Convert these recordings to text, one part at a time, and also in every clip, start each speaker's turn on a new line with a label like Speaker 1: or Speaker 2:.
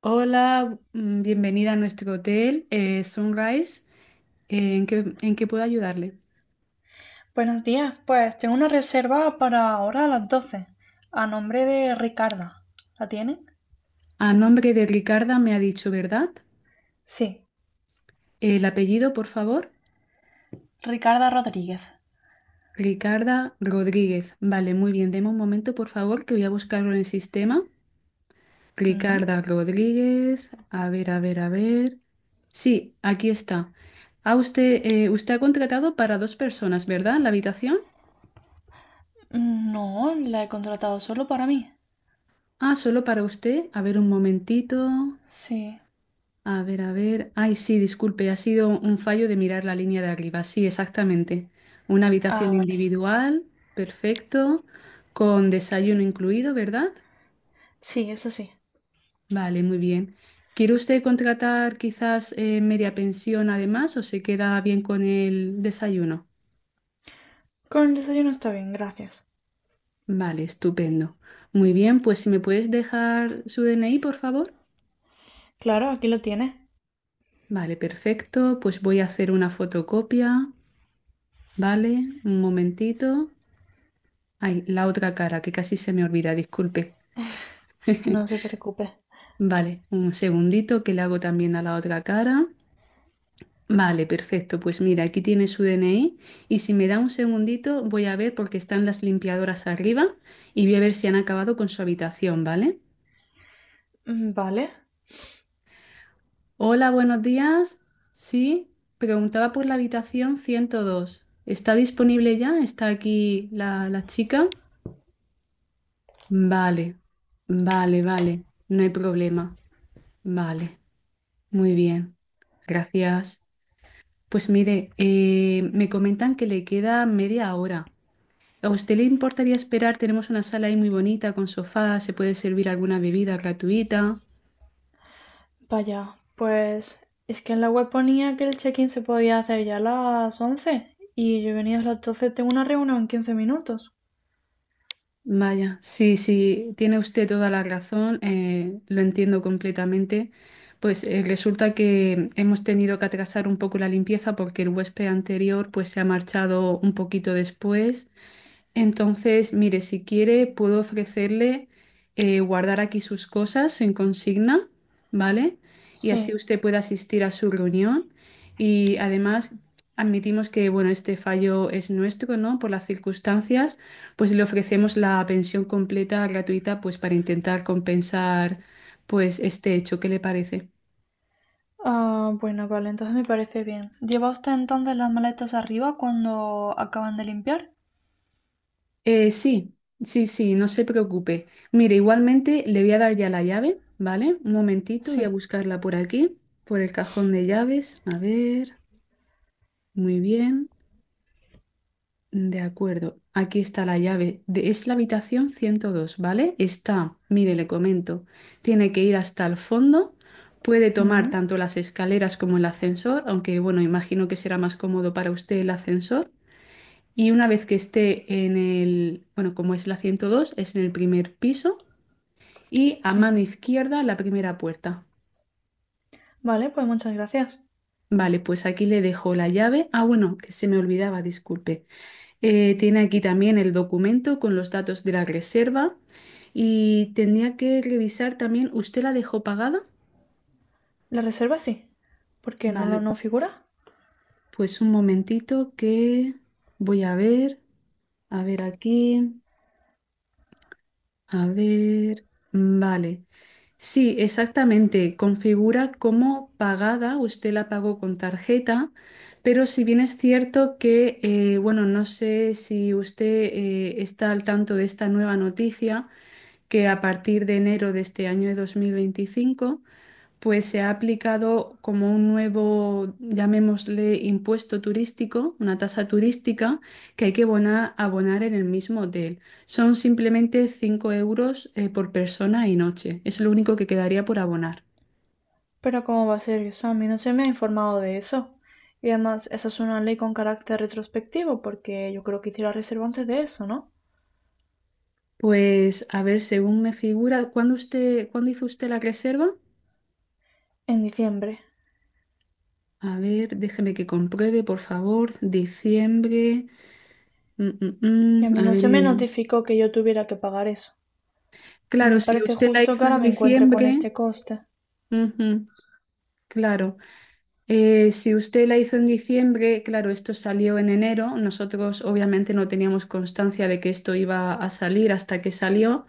Speaker 1: Hola, bienvenida a nuestro hotel Sunrise. ¿En qué puedo ayudarle?
Speaker 2: Buenos días, pues tengo una reserva para ahora a las 12 a nombre de Ricarda. ¿La tienen?
Speaker 1: A nombre de Ricarda me ha dicho, ¿verdad?
Speaker 2: Sí,
Speaker 1: El apellido, por favor.
Speaker 2: Ricarda Rodríguez.
Speaker 1: Ricarda Rodríguez. Vale, muy bien. Deme un momento, por favor, que voy a buscarlo en el sistema.
Speaker 2: ¿Mm?
Speaker 1: Ricarda Rodríguez. A ver, a ver, a ver. Sí, aquí está. Ah, usted ha contratado para dos personas, ¿verdad? La habitación.
Speaker 2: No, la he contratado solo para mí.
Speaker 1: Ah, solo para usted. A ver, un momentito.
Speaker 2: Sí.
Speaker 1: A ver, a ver. Ay, sí, disculpe, ha sido un fallo de mirar la línea de arriba. Sí, exactamente. Una
Speaker 2: Ah,
Speaker 1: habitación
Speaker 2: vale.
Speaker 1: individual, perfecto, con desayuno incluido, ¿verdad?
Speaker 2: Sí, eso sí.
Speaker 1: Vale, muy bien. ¿Quiere usted contratar quizás media pensión además o se queda bien con el desayuno?
Speaker 2: Con el desayuno está bien, gracias.
Speaker 1: Vale, estupendo. Muy bien, pues si me puedes dejar su DNI, por favor.
Speaker 2: Claro, aquí lo tienes.
Speaker 1: Vale, perfecto. Pues voy a hacer una fotocopia. Vale, un momentito. Ay, la otra cara, que casi se me olvida, disculpe.
Speaker 2: No se preocupe.
Speaker 1: Vale, un segundito que le hago también a la otra cara. Vale, perfecto. Pues mira, aquí tiene su DNI y si me da un segundito voy a ver porque están las limpiadoras arriba y voy a ver si han acabado con su habitación, ¿vale?
Speaker 2: Mm, vale,
Speaker 1: Hola, buenos días. Sí, preguntaba por la habitación 102. ¿Está disponible ya? ¿Está aquí la chica? Vale, vale, vale. No hay problema. Vale. Muy bien, gracias. Pues mire, me comentan que le queda media hora. ¿A usted le importaría esperar? Tenemos una sala ahí muy bonita con sofá, se puede servir alguna bebida gratuita.
Speaker 2: vaya. Pues es que en la web ponía que el check-in se podía hacer ya a las 11 y yo he venido a las 12. Tengo una reunión en 15 minutos.
Speaker 1: Vaya, sí, sí, tiene usted toda la razón, lo entiendo completamente. Pues resulta que hemos tenido que atrasar un poco la limpieza porque el huésped anterior pues se ha marchado un poquito después. Entonces, mire, si quiere, puedo ofrecerle guardar aquí sus cosas en consigna, ¿vale? Y así
Speaker 2: Sí.
Speaker 1: usted puede asistir a su reunión. Y además, admitimos que, bueno, este fallo es nuestro, ¿no? Por las circunstancias, pues le ofrecemos la pensión completa gratuita, pues para intentar compensar, pues, este hecho. ¿Qué le parece?
Speaker 2: Ah, bueno, vale, entonces me parece bien. ¿Lleva usted entonces las maletas arriba cuando acaban de limpiar?
Speaker 1: Sí, sí, sí, no se preocupe. Mire, igualmente le voy a dar ya la llave, ¿vale? Un momentito, voy a
Speaker 2: Sí.
Speaker 1: buscarla por aquí, por el cajón de llaves. A ver, muy bien. De acuerdo, aquí está la llave. Es la habitación 102, ¿vale? Está, mire, le comento, tiene que ir hasta el fondo. Puede tomar
Speaker 2: Mm,
Speaker 1: tanto las escaleras como el ascensor, aunque bueno, imagino que será más cómodo para usted el ascensor y una vez que esté en el, bueno, como es la 102 es en el primer piso y a
Speaker 2: sí.
Speaker 1: mano izquierda la primera puerta.
Speaker 2: Vale, pues muchas gracias.
Speaker 1: Vale, pues aquí le dejo la llave. Ah, bueno, que se me olvidaba, disculpe. Tiene aquí también el documento con los datos de la reserva y tendría que revisar también, ¿usted la dejó pagada?
Speaker 2: La reserva sí. ¿Por qué no
Speaker 1: Vale,
Speaker 2: lo no figura?
Speaker 1: pues un momentito que voy a ver aquí. A ver, vale. Sí, exactamente. Configura como pagada, usted la pagó con tarjeta, pero si bien es cierto que, bueno, no sé si usted está al tanto de esta nueva noticia, que a partir de enero de este año de 2025 pues se ha aplicado como un nuevo, llamémosle, impuesto turístico, una tasa turística que hay que abonar en el mismo hotel. Son simplemente 5 euros por persona y noche. Es lo único que quedaría por abonar.
Speaker 2: Pero ¿cómo va a ser eso? A mí no se me ha informado de eso. Y además, esa es una ley con carácter retrospectivo, porque yo creo que hice la reserva antes de eso, ¿no?
Speaker 1: Pues a ver, según me figura, ¿cuándo hizo usted la reserva?
Speaker 2: En diciembre.
Speaker 1: A ver, déjeme que compruebe, por favor. Diciembre. Mm, mm,
Speaker 2: Y a
Speaker 1: mm.
Speaker 2: mí
Speaker 1: A
Speaker 2: no
Speaker 1: ver,
Speaker 2: se me notificó que yo tuviera que pagar eso. No
Speaker 1: claro,
Speaker 2: me
Speaker 1: si
Speaker 2: parece
Speaker 1: usted la
Speaker 2: justo que
Speaker 1: hizo
Speaker 2: ahora
Speaker 1: en
Speaker 2: me encuentre con
Speaker 1: diciembre,
Speaker 2: este coste.
Speaker 1: ujú, claro. Si usted la hizo en diciembre, claro, esto salió en enero. Nosotros obviamente no teníamos constancia de que esto iba a salir hasta que salió,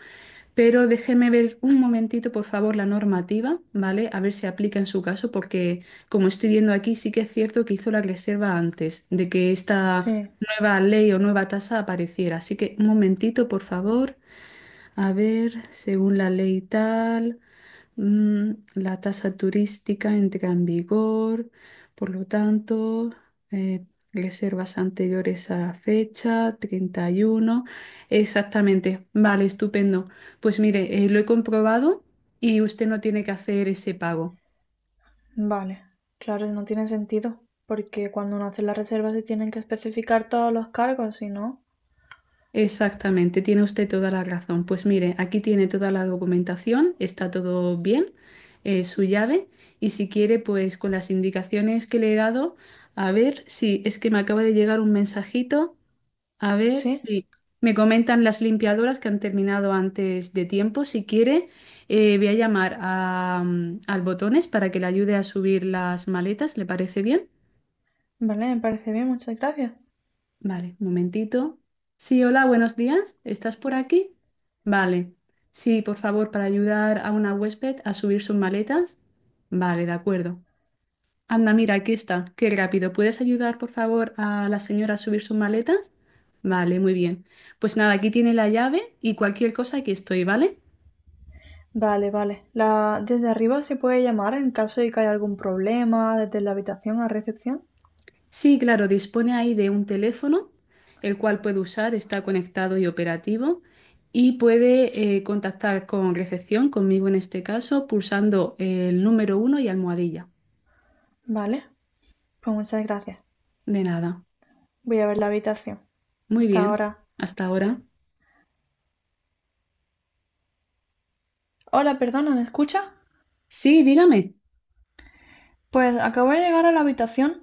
Speaker 1: pero déjeme ver un momentito, por favor, la normativa, ¿vale? A ver si aplica en su caso, porque como estoy viendo aquí, sí que es cierto que hizo la reserva antes de que esta
Speaker 2: Sí.
Speaker 1: nueva ley o nueva tasa apareciera. Así que un momentito, por favor. A ver, según la ley tal. La tasa turística entra en vigor, por lo tanto, eh, reservas anteriores a fecha 31. Exactamente, vale, estupendo. Pues mire, lo he comprobado y usted no tiene que hacer ese pago.
Speaker 2: Vale, claro, no tiene sentido, porque cuando uno hace la reserva se tienen que especificar todos los cargos, si no.
Speaker 1: Exactamente, tiene usted toda la razón. Pues mire, aquí tiene toda la documentación, está todo bien, su llave, y si quiere, pues con las indicaciones que le he dado, a ver si es que me acaba de llegar un mensajito, a ver
Speaker 2: Sí,
Speaker 1: si me comentan las limpiadoras que han terminado antes de tiempo. Si quiere, voy a llamar al Botones para que le ayude a subir las maletas, ¿le parece bien?
Speaker 2: vale, me parece bien, muchas gracias.
Speaker 1: Vale, un momentito. Sí, hola, buenos días. ¿Estás por aquí? Vale. Sí, por favor, para ayudar a una huésped a subir sus maletas. Vale, de acuerdo. Anda, mira, aquí está. Qué rápido. ¿Puedes ayudar, por favor, a la señora a subir sus maletas? Vale, muy bien. Pues nada, aquí tiene la llave y cualquier cosa, aquí estoy, ¿vale?
Speaker 2: Vale, vale. La... Desde arriba se puede llamar en caso de que haya algún problema, desde la habitación a recepción.
Speaker 1: Sí, claro, dispone ahí de un teléfono, el cual puede usar, está conectado y operativo, y puede contactar con recepción, conmigo en este caso, pulsando el número 1 y almohadilla.
Speaker 2: Vale, pues muchas gracias.
Speaker 1: De nada.
Speaker 2: Voy a ver la habitación.
Speaker 1: Muy
Speaker 2: Hasta
Speaker 1: bien,
Speaker 2: ahora.
Speaker 1: hasta ahora.
Speaker 2: Hola, perdona, ¿me escucha?
Speaker 1: Sí, dígame.
Speaker 2: Pues acabo de llegar a la habitación.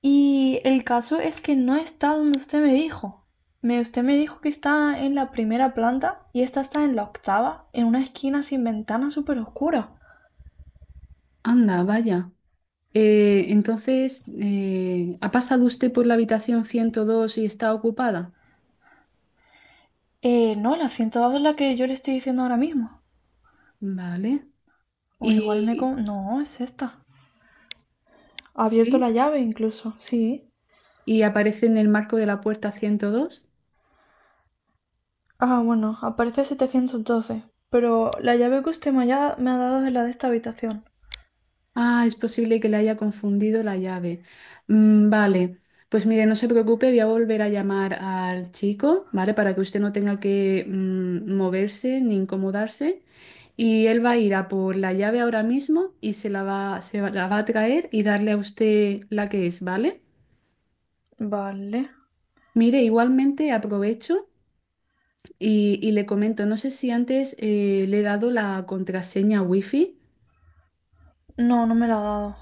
Speaker 2: Y el caso es que no está donde usted me dijo. Usted me dijo que está en la primera planta y esta está en la octava, en una esquina sin ventana súper oscura.
Speaker 1: Anda, vaya. Entonces, ¿ha pasado usted por la habitación 102 y está ocupada?
Speaker 2: No, la 102 es la que yo le estoy diciendo ahora mismo.
Speaker 1: Vale.
Speaker 2: O igual
Speaker 1: Y
Speaker 2: no, es esta. Ha abierto
Speaker 1: sí,
Speaker 2: la llave incluso, sí.
Speaker 1: y aparece en el marco de la puerta 102.
Speaker 2: Ah, bueno, aparece 712. Pero la llave que usted me ha dado es la de esta habitación.
Speaker 1: Ah, es posible que le haya confundido la llave. Vale, pues mire, no se preocupe, voy a volver a llamar al chico, ¿vale? Para que usted no tenga que moverse ni incomodarse. Y él va a ir a por la llave ahora mismo y se la va, se va- la va a traer y darle a usted la que es, ¿vale?
Speaker 2: Vale.
Speaker 1: Mire, igualmente aprovecho y le comento, no sé si antes le he dado la contraseña wifi.
Speaker 2: No, no me la ha dado.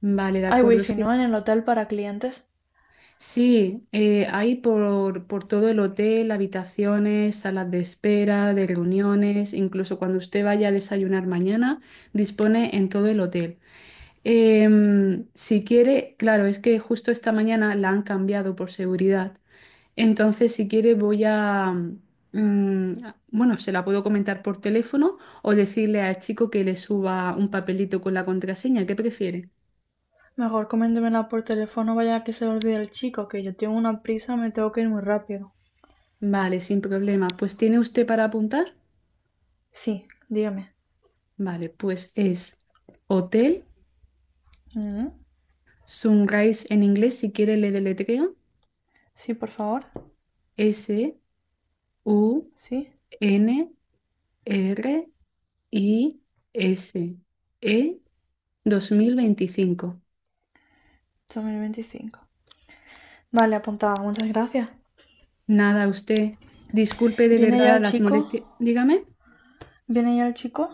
Speaker 1: Vale, de
Speaker 2: Hay
Speaker 1: acuerdo.
Speaker 2: wifi, ¿no? En el hotel para clientes.
Speaker 1: Sí, hay por todo el hotel, habitaciones, salas de espera, de reuniones, incluso cuando usted vaya a desayunar mañana, dispone en todo el hotel. Si quiere, claro, es que justo esta mañana la han cambiado por seguridad. Entonces, si quiere, voy a, mm, bueno, se la puedo comentar por teléfono o decirle al chico que le suba un papelito con la contraseña. ¿Qué prefiere?
Speaker 2: Mejor coméntemela por teléfono, vaya que se le olvide el chico, que yo tengo una prisa, me tengo que ir muy rápido.
Speaker 1: Vale, sin problema. Pues, ¿tiene usted para apuntar?
Speaker 2: Sí, dígame.
Speaker 1: Vale, pues es Hotel
Speaker 2: Mm,
Speaker 1: Sunrise en inglés, si quiere le deletreo,
Speaker 2: sí, por favor. Sí,
Speaker 1: Sunrise2025.
Speaker 2: 2025. Vale, apuntada, muchas gracias.
Speaker 1: Nada, usted, disculpe de
Speaker 2: ¿Viene ya
Speaker 1: verdad
Speaker 2: el
Speaker 1: las
Speaker 2: chico?
Speaker 1: molestias. Dígame.
Speaker 2: ¿Viene ya el chico?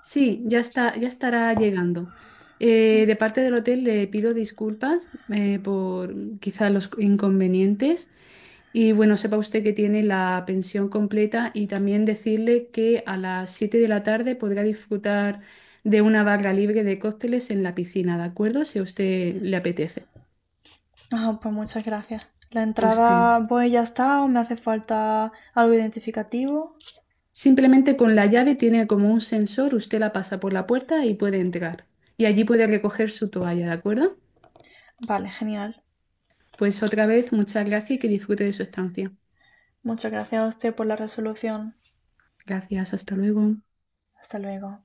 Speaker 1: Sí, ya está, ya estará llegando. De parte del hotel le pido disculpas por quizá los inconvenientes. Y bueno, sepa usted que tiene la pensión completa y también decirle que a las 7 de la tarde podrá disfrutar de una barra libre de cócteles en la piscina, ¿de acuerdo? Si a usted le apetece.
Speaker 2: Ah, pues muchas gracias. ¿La
Speaker 1: A usted.
Speaker 2: entrada voy ya está o me hace falta algo identificativo?
Speaker 1: Simplemente con la llave tiene como un sensor, usted la pasa por la puerta y puede entrar. Y allí puede recoger su toalla, ¿de acuerdo?
Speaker 2: Vale, genial.
Speaker 1: Pues otra vez, muchas gracias y que disfrute de su estancia.
Speaker 2: Muchas gracias a usted por la resolución.
Speaker 1: Gracias, hasta luego.
Speaker 2: Hasta luego.